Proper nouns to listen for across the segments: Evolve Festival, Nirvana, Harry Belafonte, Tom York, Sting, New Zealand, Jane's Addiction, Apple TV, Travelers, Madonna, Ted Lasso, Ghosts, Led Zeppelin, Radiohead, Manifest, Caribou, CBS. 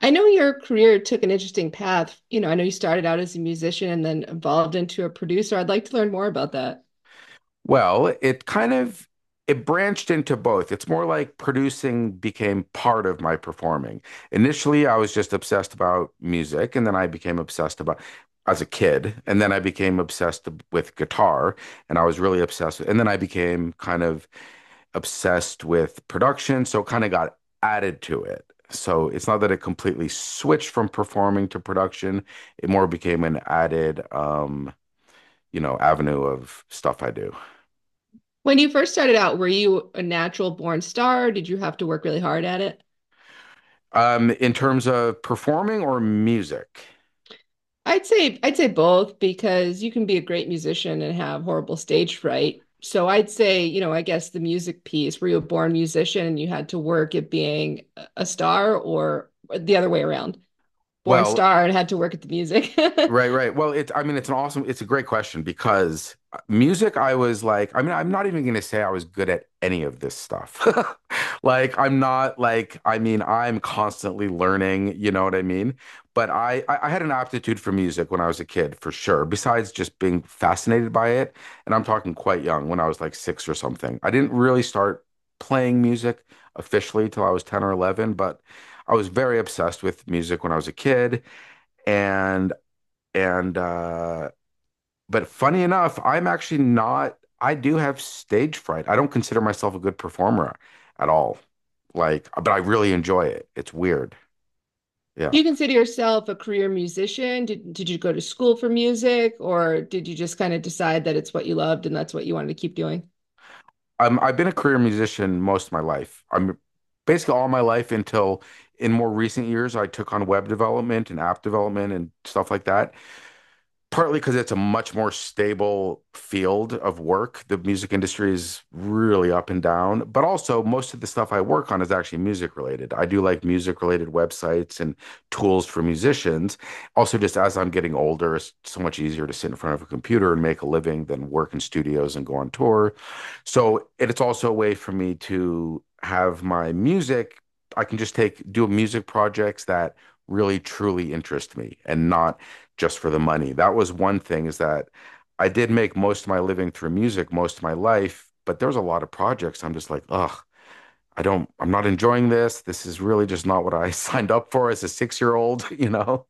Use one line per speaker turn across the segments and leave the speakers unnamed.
I know your career took an interesting path. You know, I know you started out as a musician and then evolved into a producer. I'd like to learn more about that.
Well, it kind of it branched into both. It's more like producing became part of my performing. Initially, I was just obsessed about music, and then I became obsessed about as a kid, and then I became obsessed with guitar, and I was really obsessed with, and then I became kind of obsessed with production, so it kind of got added to it. So it's not that it completely switched from performing to production. It more became an added, avenue of stuff I do.
When you first started out, were you a natural born star? Did you have to work really hard at it?
In terms of performing or music?
I'd say both because you can be a great musician and have horrible stage fright. So I'd say, you know, I guess the music piece, were you a born musician and you had to work at being a star or the other way around? Born
Well,
star and had to work at the music.
right, right. Well, I mean, it's an awesome, it's a great question because music, I was like, I mean, I'm not even going to say I was good at any of this stuff. Like, I'm not like, I mean, I'm constantly learning, you know what I mean? But I had an aptitude for music when I was a kid, for sure, besides just being fascinated by it. And I'm talking quite young, when I was like six or something. I didn't really start playing music officially till I was 10 or 11, but I was very obsessed with music when I was a kid. And and uh, but funny enough, I'm actually not. I do have stage fright. I don't consider myself a good performer at all. Like, but I really enjoy it. It's weird. Yeah.
Do you consider yourself a career musician? Did you go to school for music, or did you just kind of decide that it's what you loved and that's what you wanted to keep doing?
I've been a career musician most of my life. I'm basically all my life until in more recent years, I took on web development and app development and stuff like that. Partly because it's a much more stable field of work. The music industry is really up and down, but also most of the stuff I work on is actually music related. I do like music related websites and tools for musicians. Also, just as I'm getting older, it's so much easier to sit in front of a computer and make a living than work in studios and go on tour. So it's also a way for me to have my music. I can just take do music projects that really truly interest me and not just for the money. That was one thing is that I did make most of my living through music most of my life, but there was a lot of projects I'm just like, ugh, I'm not enjoying this. This is really just not what I signed up for as a 6 year old, you know?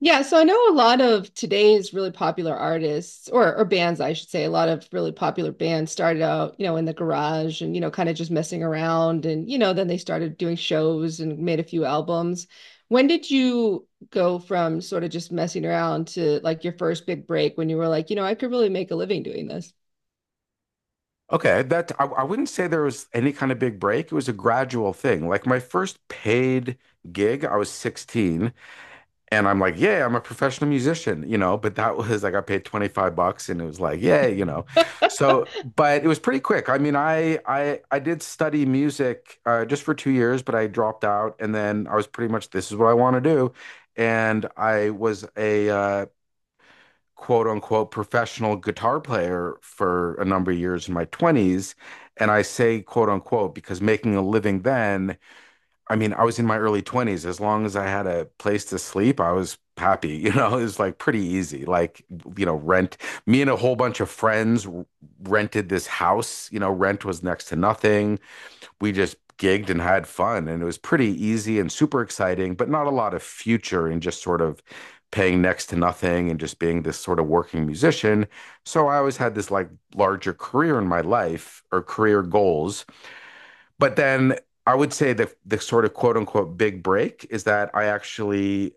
Yeah, so I know a lot of today's really popular artists or bands, I should say, a lot of really popular bands started out, you know, in the garage and you know, kind of just messing around and you know, then they started doing shows and made a few albums. When did you go from sort of just messing around to like your first big break when you were like, you know, I could really make a living doing this?
Okay, that I wouldn't say there was any kind of big break. It was a gradual thing. Like my first paid gig, I was 16. And I'm like, yeah, I'm a professional musician, you know, but that was like I got paid 25 bucks and it was like, yeah, you know. So, but it was pretty quick. I mean, I did study music just for 2 years, but I dropped out and then I was pretty much this is what I want to do. And I was a quote unquote professional guitar player for a number of years in my 20s. And I say quote unquote because making a living then, I mean, I was in my early 20s. As long as I had a place to sleep, I was happy. You know, it was like pretty easy. Like, you know, rent. Me and a whole bunch of friends rented this house. You know, rent was next to nothing. We just gigged and had fun. And it was pretty easy and super exciting, but not a lot of future in just sort of paying next to nothing and just being this sort of working musician. So I always had this like larger career in my life or career goals, but then I would say the sort of quote unquote big break is that I actually,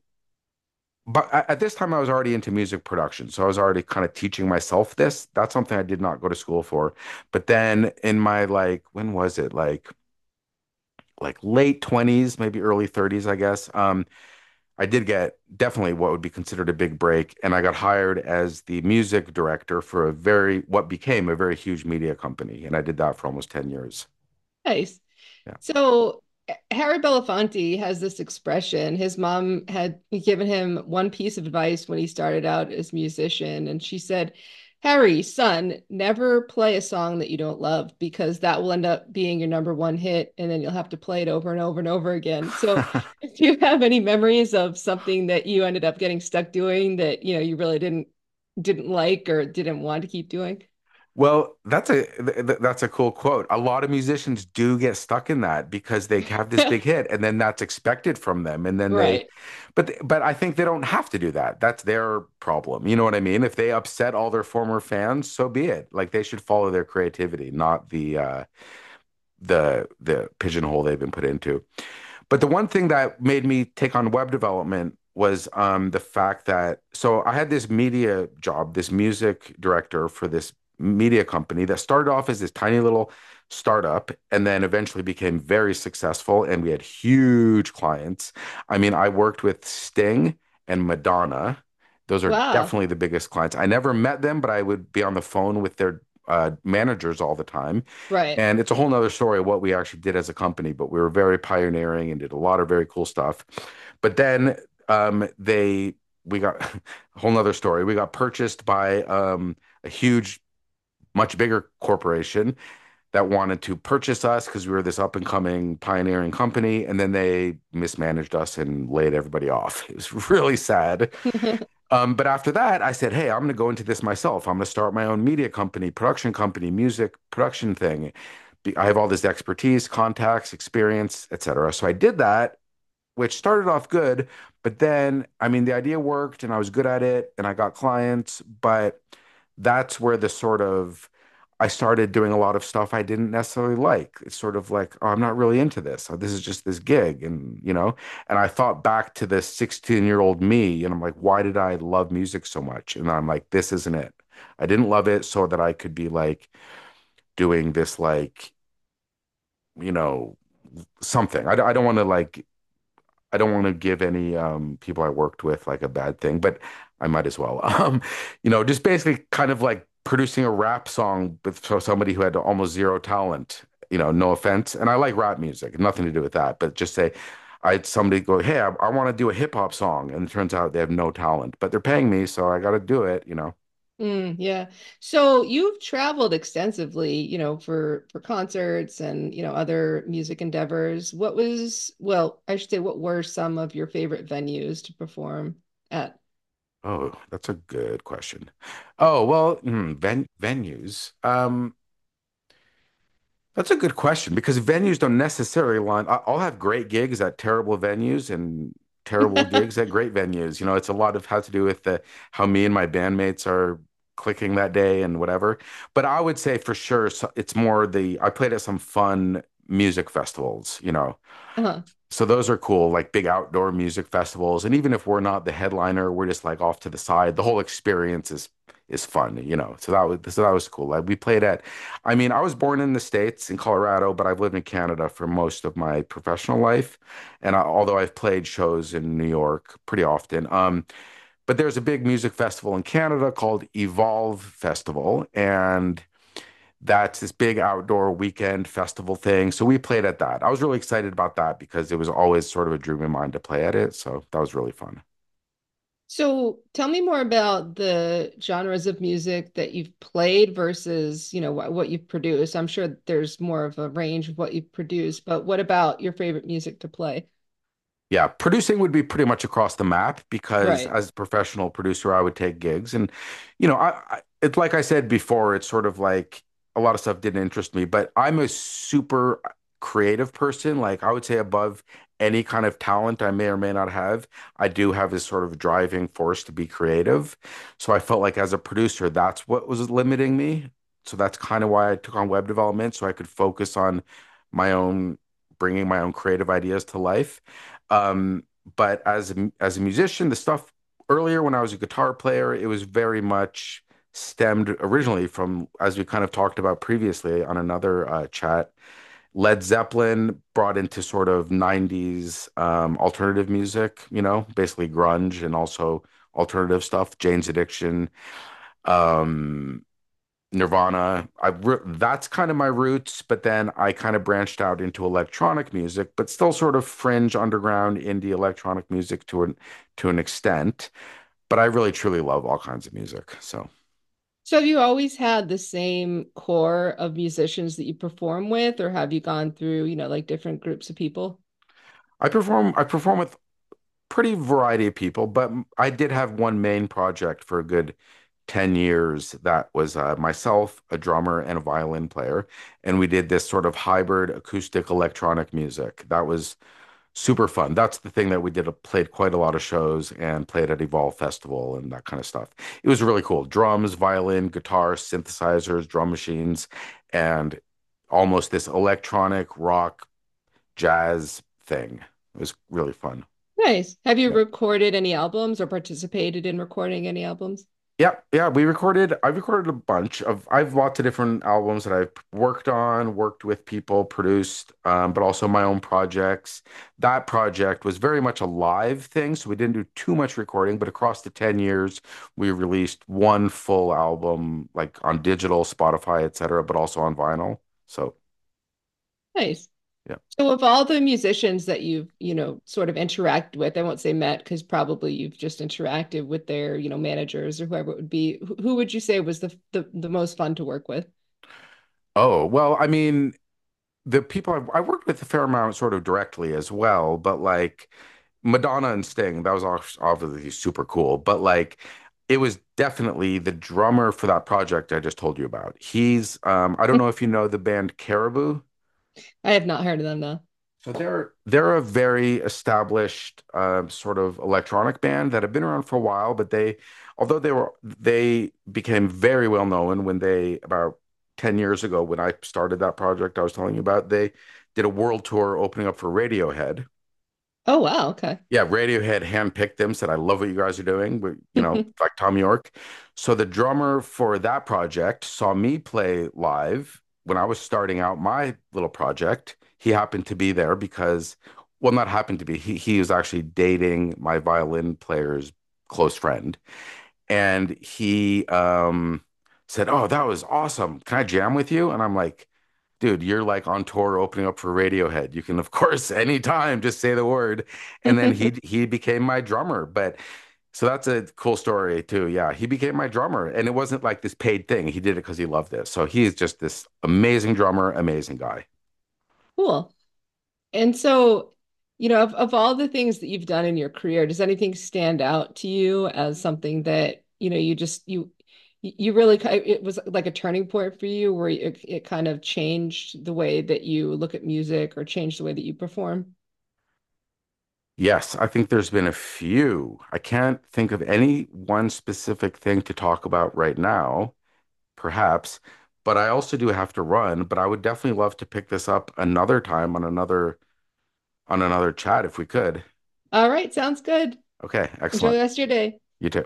but at this time I was already into music production. So I was already kind of teaching myself this. That's something I did not go to school for. But then in my like when was it? Like late 20s, maybe early 30s, I guess. I did get definitely what would be considered a big break and I got hired as the music director for a very what became a very huge media company and I did that for almost 10 years.
Nice.
Yeah.
So Harry Belafonte has this expression. His mom had given him one piece of advice when he started out as a musician, and she said, "Harry, son, never play a song that you don't love because that will end up being your number one hit, and then you'll have to play it over and over and over again." So, do you have any memories of something that you ended up getting stuck doing that you know you really didn't like or didn't want to keep doing?
Well, that's a that's a cool quote. A lot of musicians do get stuck in that because they have this big hit and then that's expected from them and then they
Right.
but I think they don't have to do that. That's their problem. You know what I mean? If they upset all their former fans, so be it. Like they should follow their creativity, not the the pigeonhole they've been put into. But the one thing that made me take on web development was the fact that so I had this media job, this music director for this media company that started off as this tiny little startup and then eventually became very successful and we had huge clients. I mean, I worked with Sting and Madonna. Those are
Wow.
definitely the biggest clients. I never met them, but I would be on the phone with their managers all the time.
Right.
And it's a whole nother story of what we actually did as a company, but we were very pioneering and did a lot of very cool stuff. But then they we got a whole nother story. We got purchased by a huge, much bigger corporation that wanted to purchase us because we were this up and coming pioneering company. And then they mismanaged us and laid everybody off. It was really sad. But after that, I said, hey, I'm going to go into this myself. I'm going to start my own media company, production company, music production thing. I have all this expertise, contacts, experience, etc. So I did that, which started off good, but then, I mean, the idea worked and I was good at it and I got clients, but that's where the sort of I started doing a lot of stuff I didn't necessarily like. It's sort of like, oh, I'm not really into this. Oh, this is just this gig. And, you know, and I thought back to this 16-year-old me and I'm like, why did I love music so much? And I'm like, this isn't it. I didn't love it so that I could be like doing this, like, you know, something. I don't want to like I don't want to give any people I worked with like a bad thing, but I might as well. You know, just basically kind of like producing a rap song with for somebody who had almost zero talent. You know, no offense, and I like rap music, nothing to do with that, but just say. I had somebody go, hey, I want to do a hip hop song, and it turns out they have no talent, but they're paying me, so I got to do it. You know,
Mm, yeah. So you've traveled extensively, you know, for concerts and, you know, other music endeavors. What was, well, I should say, what were some of your favorite venues to perform at?
oh, that's a good question. Oh well, hmm, venues. That's a good question because venues don't necessarily line. I'll have great gigs at terrible venues and terrible gigs at great venues. You know, it's a lot of how to do with the how me and my bandmates are clicking that day and whatever. But I would say for sure it's more the I played at some fun music festivals, you know,
Uh-huh.
so those are cool, like big outdoor music festivals. And even if we're not the headliner, we're just like off to the side. The whole experience is fun, you know. So that was cool. Like we played at, I mean, I was born in the States in Colorado, but I've lived in Canada for most of my professional life. And I, although I've played shows in New York pretty often, but there's a big music festival in Canada called Evolve Festival, and that's this big outdoor weekend festival thing. So we played at that. I was really excited about that because it was always sort of a dream of mine to play at it. So that was really fun.
So tell me more about the genres of music that you've played versus, you know, what you've produced. I'm sure there's more of a range of what you've produced, but what about your favorite music to play?
Yeah, producing would be pretty much across the map because
Right.
as a professional producer, I would take gigs. And, you know, I it's like I said before, it's sort of like a lot of stuff didn't interest me, but I'm a super creative person. Like I would say above any kind of talent I may or may not have, I do have this sort of driving force to be creative. So I felt like as a producer, that's what was limiting me. So that's kind of why I took on web development so I could focus on my own, bringing my own creative ideas to life. Um, but as a musician, the stuff earlier when I was a guitar player, it was very much stemmed originally from, as we kind of talked about previously on another chat, Led Zeppelin brought into sort of 90s alternative music, you know, basically grunge and also alternative stuff, Jane's Addiction, um, Nirvana. That's kind of my roots, but then I kind of branched out into electronic music, but still sort of fringe underground indie electronic music to an extent. But I really truly love all kinds of music. So
So have you always had the same core of musicians that you perform with, or have you gone through, you know, like different groups of people?
I perform with pretty variety of people, but I did have one main project for a good 10 years that was myself, a drummer, and a violin player. And we did this sort of hybrid acoustic electronic music. That was super fun. That's the thing that we did. Played quite a lot of shows and played at Evolve Festival and that kind of stuff. It was really cool. Drums, violin, guitar, synthesizers, drum machines, and almost this electronic rock jazz thing. It was really fun.
Nice. Have you
Yeah.
recorded any albums or participated in recording any albums?
Yeah, yeah, we recorded. I've recorded a bunch of. I've lots of different albums that I've worked on, worked with people, produced, but also my own projects. That project was very much a live thing, so we didn't do too much recording. But across the 10 years, we released one full album, like on digital, Spotify, etc., but also on vinyl. So
Nice.
yeah.
So of all the musicians that you've, you know, sort of interact with, I won't say met because probably you've just interacted with their, you know, managers or whoever it would be. Who would you say was the most fun to work with?
Oh well, I mean, I worked with a fair amount sort of directly as well, but like Madonna and Sting, that was obviously super cool. But like, it was definitely the drummer for that project I just told you about. I don't know if you know the band Caribou.
I have not heard of them though.
So they're a very established sort of electronic band that have been around for a while, but they, although they were they became very well known when they about 10 years ago when I started that project I was telling you about, they did a world tour opening up for Radiohead,
Oh wow, okay.
yeah, Radiohead handpicked them, said, I love what you guys are doing. We, you know, like Tom York. So the drummer for that project saw me play live when I was starting out my little project. He happened to be there because, well, not happened to be, he was actually dating my violin player's close friend and he said, "Oh, that was awesome. Can I jam with you?" And I'm like, "Dude, you're like on tour opening up for Radiohead. You can of course anytime just say the word." And then he he became my drummer, but so that's a cool story too. Yeah, he became my drummer and it wasn't like this paid thing. He did it because he loved it. So he is just this amazing drummer, amazing guy.
Cool. And so, you know, of all the things that you've done in your career, does anything stand out to you as something that, you know, you really, it was like a turning point for you where it kind of changed the way that you look at music or changed the way that you perform?
Yes, I think there's been a few. I can't think of any one specific thing to talk about right now. Perhaps. But I also do have to run, but I would definitely love to pick this up another time on another chat if we could.
All right, sounds good.
Okay,
Enjoy the
excellent.
rest of your day.
You too.